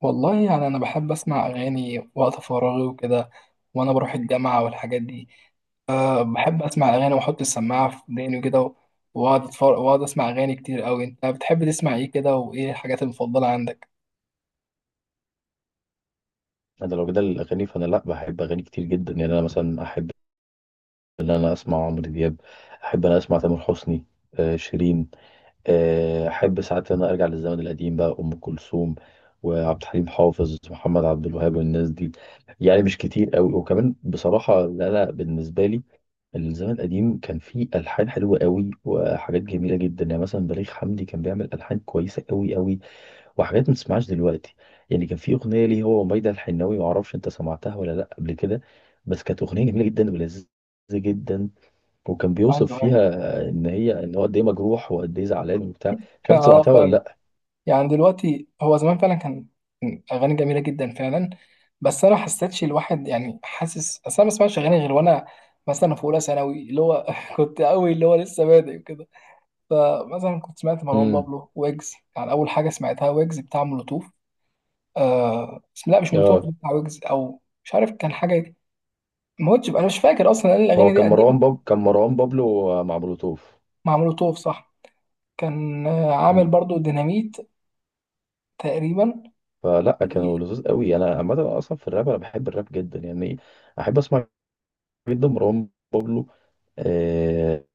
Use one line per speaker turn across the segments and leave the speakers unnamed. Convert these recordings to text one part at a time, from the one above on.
والله يعني أنا بحب أسمع أغاني وقت فراغي وكده، وأنا بروح الجامعة والحاجات دي. بحب أسمع أغاني وأحط السماعة في وداني وكده، وأقعد أتفرج وأقعد أسمع أغاني كتير أوي. أنت بتحب تسمع إيه كده وإيه الحاجات المفضلة عندك؟
انا لو جدال الاغاني فانا لا بحب اغاني كتير جدا، يعني انا مثلا احب ان انا اسمع عمرو دياب، احب ان انا اسمع تامر حسني، آه شيرين، آه احب ساعات ان انا ارجع للزمن القديم بقى ام كلثوم وعبد الحليم حافظ محمد عبد الوهاب والناس دي. يعني مش كتير قوي، وكمان بصراحه لا بالنسبه لي الزمن القديم كان فيه الحان حلوه قوي وحاجات جميله جدا. يعني مثلا بليغ حمدي كان بيعمل الحان كويسه قوي قوي، وحاجات ما تسمعهاش دلوقتي. يعني كان في اغنيه ليه هو وميادة الحناوي، ما اعرفش انت سمعتها ولا لا قبل كده، بس كانت اغنيه جميله جدا ولذيذه جدا. وكان
أيوه
بيوصف فيها
أيوه.
ان هي، ان هو قد ايه مجروح وقد ايه زعلان وبتاع. مش عارف أنت
أه،
سمعتها ولا
فاهم.
لا.
يعني دلوقتي هو زمان فعلا كان أغاني جميلة جدا فعلا. بس أنا ما حسيتش الواحد، يعني حاسس، أصل أنا ما بسمعش أغاني غير وأنا مثلا في أولى ثانوي، اللي هو كنت أوي اللي هو لسه بادئ كده. فمثلا كنت سمعت مروان
امم.
بابلو ويجز، يعني اول حاجه سمعتها ويجز بتاع مولوتوف. آه بس لا، مش مولوتوف،
اه.
بتاع ويجز او مش عارف كان حاجه ما هوتش، انا مش فاكر اصلا لأن الاغاني
هو
دي
كان
قديمه.
مروان كان مروان بابلو مع مولوتوف.
مع مولوتوف صح. كان عامل
امم.
برضو ديناميت تقريبا.
فلا كانوا لذوذ قوي. انا عامه اصلا في الراب انا بحب الراب جدا يعني، احب اسمع جدا مروان بابلو. آه...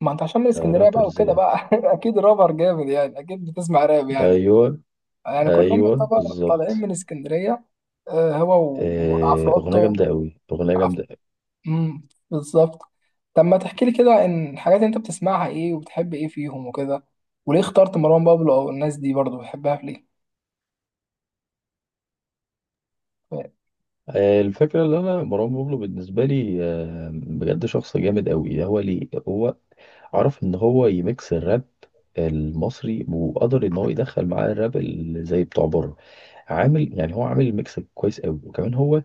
ما انت عشان من
آه،
اسكندريه بقى
رابرز
وكده
يعني.
بقى، اكيد رابر جامد، يعني اكيد بتسمع راب يعني.
ايوه
يعني كلهم
ايوه
يعتبر طالعين
بالظبط.
من اسكندريه. آه، هو
آه، أغنية
وعفروتو.
جامدة أوي أغنية جامدة.
بالظبط. طب ما تحكي لي كده ان الحاجات اللي انت بتسمعها ايه وبتحب ايه فيهم وكده، وليه اخترت مروان بابلو او الناس دي برضو بتحبها في ليه.
آه، الفكرة اللي أنا مروان بابلو بالنسبة لي آه، بجد شخص جامد أوي. هو ليه هو عرف إن هو يميكس الراب المصري، وقدر إن هو يدخل معاه الراب اللي زي بتوع بره. عامل يعني، هو عامل ميكس كويس أوي. وكمان هو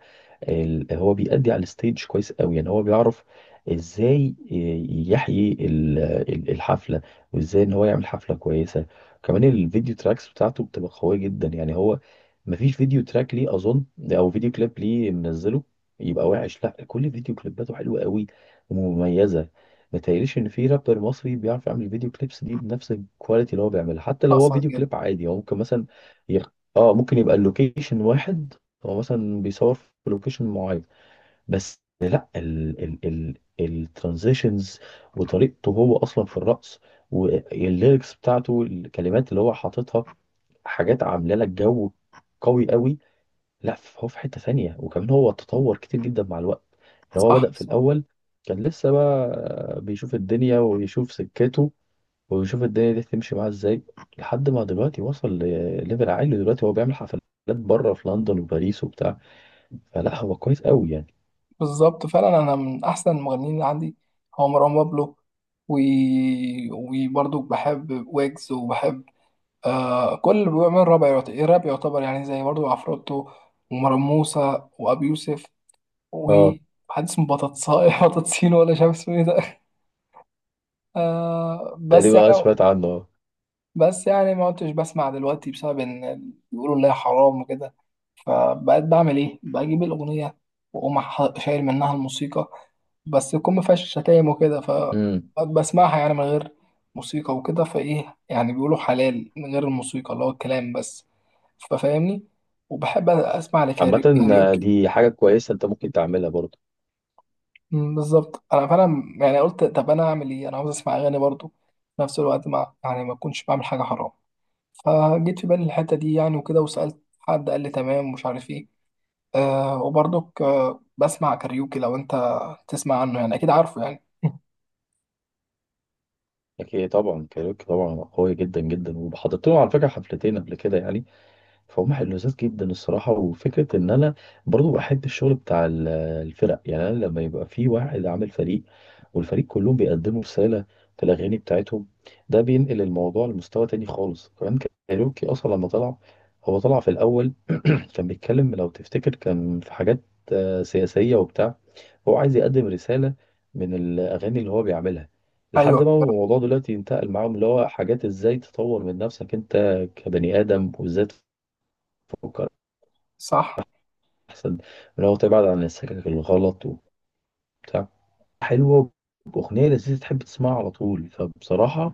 هو بيأدي على الستيج كويس قوي. يعني هو بيعرف ازاي يحيي الحفلة، وازاي ان هو يعمل حفلة كويسة. كمان الفيديو تراكس بتاعته بتبقى قوية جدا. يعني هو مفيش فيديو تراك ليه اظن، او فيديو كليب ليه منزله يبقى وحش. لا، كل فيديو كليباته حلوة قوي ومميزة. متهيأليش ان في رابر مصري بيعرف يعمل فيديو كليبس دي بنفس الكواليتي اللي هو بيعملها. حتى لو هو
حصل
فيديو
جدا.
كليب عادي، هو ممكن مثلا يخ... اه، ممكن يبقى اللوكيشن واحد، هو مثلا بيصور في لوكيشن معين بس ال ال ال الترانزيشنز وطريقته هو اصلا في الرقص، والليركس بتاعته الكلمات اللي هو حاططها، حاجات عامله لك جو قوي قوي. لا هو في حته ثانيه، وكمان هو تطور كتير جدا مع الوقت. يعني هو
صح
بدأ في
صح.
الاول كان لسه بقى بيشوف الدنيا ويشوف سكته، ويشوف الدنيا دي تمشي معاه ازاي، لحد ما دلوقتي وصل لليفل عالي. دلوقتي هو بيعمل حفلات بره في لندن وباريس وبتاع. فلا هو كويس قوي يعني.
بالظبط فعلا، انا من احسن المغنيين اللي عندي هو مروان بابلو و... وبرضو بحب ويجز، وبحب كل اللي بيعمل راب، الراب يعتبر، يعني زي برضو عفروتو ومروان موسى وابي يوسف،
اه
وحد اسمه بطاطساي بطاطسين، ولا مش عارف اسمه ايه ده. آه بس
تقريبا أنا
يعني،
سمعت عنه اه.
بس يعني ما كنتش بسمع دلوقتي بسبب ان بيقولوا اللي هي حرام وكده. فبقيت بعمل ايه، بجيب الاغنيه واقوم شايل منها الموسيقى، بس يكون ما فيهاش شتايم وكده.
امم.
فبسمعها يعني من غير موسيقى وكده، فايه يعني بيقولوا حلال من غير الموسيقى، اللي هو الكلام بس، ففاهمني. وبحب اسمع
عامة آه،
كاريوكي.
دي حاجة كويسة انت ممكن تعملها برضه.
بالظبط، انا فعلا يعني قلت طب انا اعمل ايه، انا عاوز اسمع اغاني برضو في نفس الوقت، ما يعني ما اكونش بعمل حاجه حرام. فجيت في بالي الحتة دي يعني وكده، وسألت حد قال لي تمام ومش عارف ايه. وبرضك بسمع كاريوكي، لو انت تسمع عنه يعني اكيد عارفه يعني.
اكيد طبعا كايروكي طبعا قوي جدا جدا. وحضرت لهم على فكرة حفلتين قبل كده يعني، فهم حلوزات جدا الصراحة. وفكرة ان انا برضه بحب الشغل بتاع الفرق. يعني انا لما يبقى في واحد عامل فريق، والفريق كلهم بيقدموا رسالة في الاغاني بتاعتهم، ده بينقل الموضوع لمستوى تاني خالص. كمان كايروكي اصلا لما طلع، هو طلع في الاول كان بيتكلم لو تفتكر، كان في حاجات آه، سياسية وبتاع. هو عايز يقدم رسالة من الأغاني اللي هو بيعملها. لحد
ايوه
ما الموضوع دلوقتي ينتقل معاهم اللي هو حاجات ازاي تطور من نفسك انت كبني آدم، وازاي تفكر
صح.
أحسن، من هو تبعد عن السكك الغلط وبتاع. حلوة، وأغنية لذيذة تحب تسمعها على طول. فبصراحة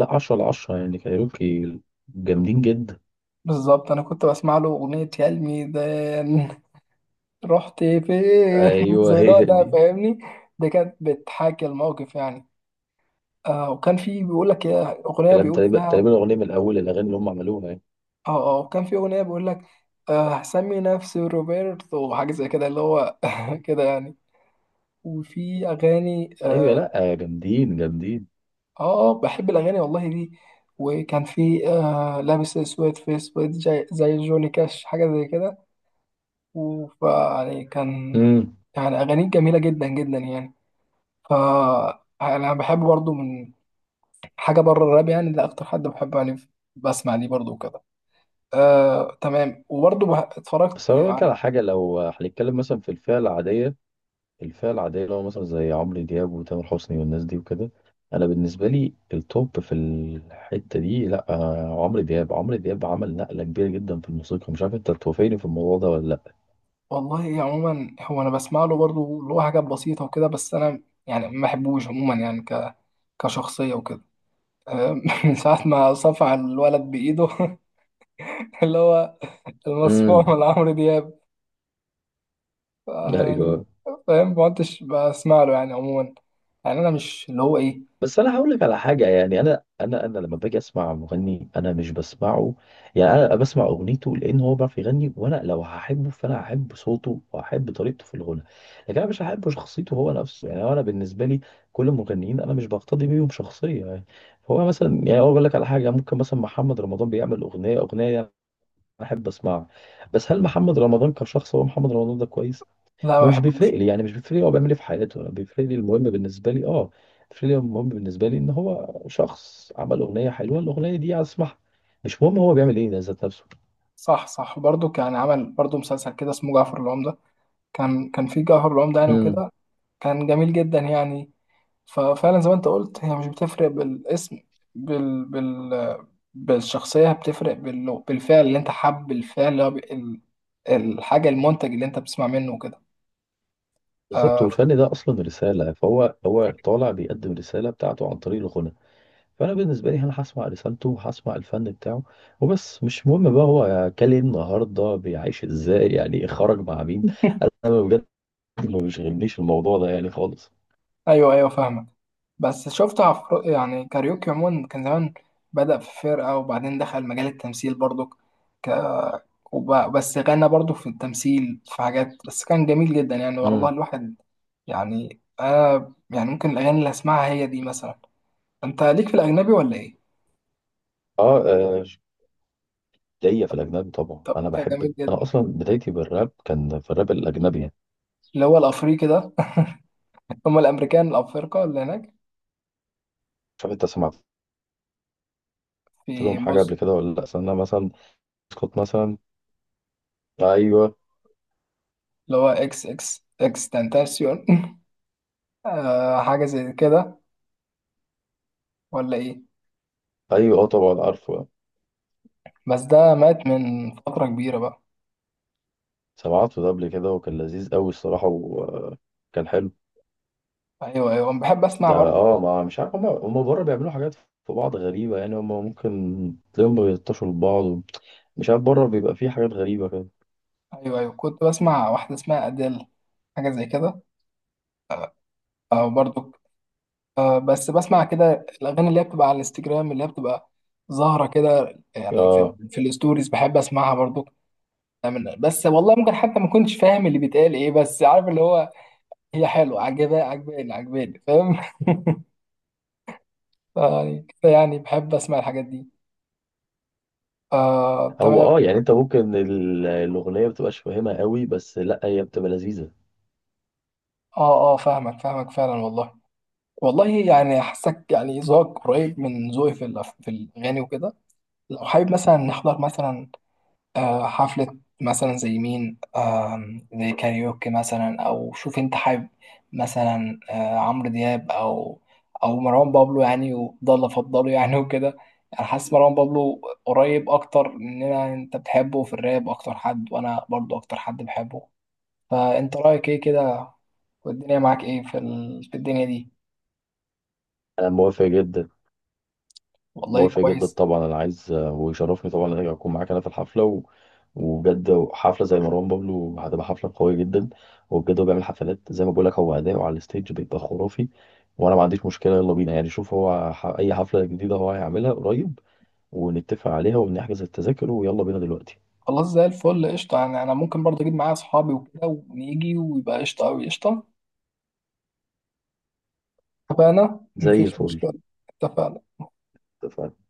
لا، 10 على 10 يعني كايروكي جامدين جدا.
بالظبط انا كنت بسمع له اغنية يا الميدان رحت فين، زي
أيوه
اللي
هي
هو ده،
دي.
فاهمني. دي كانت بتحاكي الموقف يعني. وكان في بيقول لك يا اغنية،
كلام
بيقول
تقريبا،
فيها
تقريبا الأغنية من أول الأغاني اللي هم عملوها يعني.
اه اه. وكان في اغنية بيقول لك هسمي نفسي روبرتو وحاجة زي كده، اللي هو كده يعني. وفي اغاني.
ايوه لا آه، جامدين جامدين.
اه بحب الاغاني والله دي. وكان في لابس اسود في اسود، زي جوني كاش حاجه زي كده، يعني كان،
امم.
يعني اغانيه جميله جدا جدا يعني. ف انا بحب برضو من حاجه بره الراب، يعني ده اكتر حد بحبه يعني، بسمع ليه برضو وكده. آه تمام. وبرضو اتفرجت
بس انا بقولك
يعني،
على حاجه، لو هنتكلم مثلا في الفئه العاديه، الفئه العاديه اللي هو مثلا زي عمرو دياب وتامر حسني والناس دي وكده، انا بالنسبه لي التوب في الحته دي لا آه، عمرو دياب. عمرو دياب عمل نقله كبيره جدا في الموسيقى، مش عارف انت توافقني في الموضوع ده ولا لا.
والله عموما هو انا بسمع له برضو اللي هو حاجات بسيطه وكده، بس انا يعني ما بحبوش عموما يعني، كشخصيه وكده. من ساعة ما صفع الولد بإيده، اللي هو المصفوع
امم.
من عمرو دياب. يعني
ايوه.
فاهم، ما كنتش بسمع له يعني عموما. يعني أنا مش اللي هو إيه،
بس انا هقول لك على حاجه يعني، انا انا لما باجي اسمع مغني انا مش بسمعه، يعني انا بسمع اغنيته لان هو بيعرف يغني. وانا لو هحبه فانا هحب صوته وهحب طريقته في الغنى، لكن انا مش هحب شخصيته هو نفسه. يعني انا بالنسبه لي كل المغنيين انا مش بقتدي بيهم شخصيه يعني. هو مثلا، يعني اقول لك على حاجه، يعني ممكن مثلا محمد رمضان بيعمل اغنيه، اغنيه انا احب اسمعها، بس هل محمد رمضان كشخص، هو محمد رمضان ده كويس؟
لا ما
مش
بحبوش.
بيفرق لي. يعني مش بيفرق لي هو بيعمل ايه في حياته. انا بيفرق لي المهم بالنسبه لي اه، بيفرق لي المهم بالنسبه لي ان هو شخص عمل اغنيه حلوه الاغنيه دي اسمعها. مش مهم هو بيعمل ايه ده ذات نفسه.
صح صح. برضه كان عمل برضه مسلسل كده اسمه جعفر العمدة، كان كان في جعفر العمدة يعني
امم
وكده، كان جميل جدا يعني. ففعلا زي ما أنت قلت، هي مش بتفرق بالاسم، بال بال بالشخصية، بتفرق بالفعل، اللي أنت حب الفعل اللي هو الحاجة، المنتج اللي أنت بتسمع منه وكده.
بالظبط.
آه.
والفن ده اصلا رساله، فهو هو طالع بيقدم رساله بتاعته عن طريق الغنى. فانا بالنسبه لي انا هسمع رسالته وهسمع الفن بتاعه وبس. مش مهم بقى هو كان إيه النهارده، بيعيش ازاي، يعني إيه، خرج مع مين. انا بجد ما بيشغلنيش الموضوع ده يعني خالص.
ايوه ايوه فاهمك. بس شفت يعني كاريوكي عموما كان زمان بدأ في فرقة، وبعدين دخل مجال التمثيل برضو. ك... بس غنى برضو في التمثيل في حاجات، بس كان جميل جدا يعني والله
امم.
الواحد. يعني انا يعني ممكن الاغاني اللي اسمعها هي دي مثلا. انت ليك في الاجنبي ولا ايه؟
اه آه، ليا في الأجنبي طبعا
طب
أنا
ده جميل
بحب. أنا
جدا.
أصلا بدايتي بالراب كان في الراب الأجنبي يعني.
اللي هو الافريقي ده، هم الامريكان الافارقه اللي هناك.
مش عارف أنت سمعت
في
لهم حاجة
بص،
قبل كده ولا لأ؟ أصل أنا مثلا سكوت مثلا. أيوه.
اللي هو اكس اكس اكس تنتاسيون، آه حاجه زي كده، ولا ايه؟
أيوه أه طبعا عارفه.
بس ده مات من فترة كبيرة بقى.
سمعته ده قبل كده وكان لذيذ أوي الصراحة وكان حلو.
أيوه أيوه، أنا بحب أسمع
ده
برضو.
أه ما مش عارف، هما بره بيعملوا حاجات في بعض غريبة. يعني هما ممكن تلاقيهم بيلطشوا لبعض، مش عارف بره بيبقى فيه حاجات غريبة كده.
أيوه أيوه، كنت بسمع واحدة اسمها أديل حاجة زي كده، أو برضو بس بسمع كده الأغاني اللي هي بتبقى على الانستجرام، اللي هي بتبقى ظاهرة كده يعني
أه.
في الستوريز، بحب أسمعها برضو. بس والله ممكن حتى ما كنتش فاهم اللي بيتقال إيه، بس عارف اللي هو هي حلوة، عجباني عجباني، فاهم. يعني يعني بحب أسمع الحاجات دي. آه
هو
تمام.
أه يعني أنت ممكن الأغنية مبتبقاش فاهمها أوي بس لأ هي بتبقى لذيذة.
آه آه فاهمك فاهمك فعلا والله. والله يعني حاسك يعني ذوقك قريب من ذوقي في في الأغاني وكده. لو حابب مثلا نحضر مثلا حفلة مثلا زي مين، زي كاريوكي مثلا، أو شوف أنت حابب مثلا عمرو دياب أو، أو مروان بابلو، يعني وضل أفضله يعني وكده. يعني حاسس مروان بابلو قريب أكتر مننا، أنت بتحبه في الراب أكتر حد وأنا برضو أكتر حد بحبه. فأنت رأيك إيه كده؟ والدنيا معاك إيه في في الدنيا دي.
أنا موافق جدا.
والله
موافق جدا
كويس.
طبعا. انا عايز ويشرفني طبعا ان انا اكون معاك انا في الحفله وبجد حفله زي مروان بابلو هتبقى حفله قويه جدا. وبجد هو بيعمل حفلات زي ما بقول لك. هو اداؤه على الستيج بيبقى خرافي، وانا ما عنديش مشكله. يلا بينا يعني، شوف هو اي حفله جديده هو هيعملها قريب ونتفق عليها ونحجز التذاكر، ويلا بينا دلوقتي.
خلاص زي الفل قشطة، يعني أنا ممكن برضه أجيب معايا أصحابي وكده ونيجي ويبقى قشطة أوي قشطة. اتفقنا
زي
مفيش
الفل.
مشكلة. اتفقنا.
اتفقنا.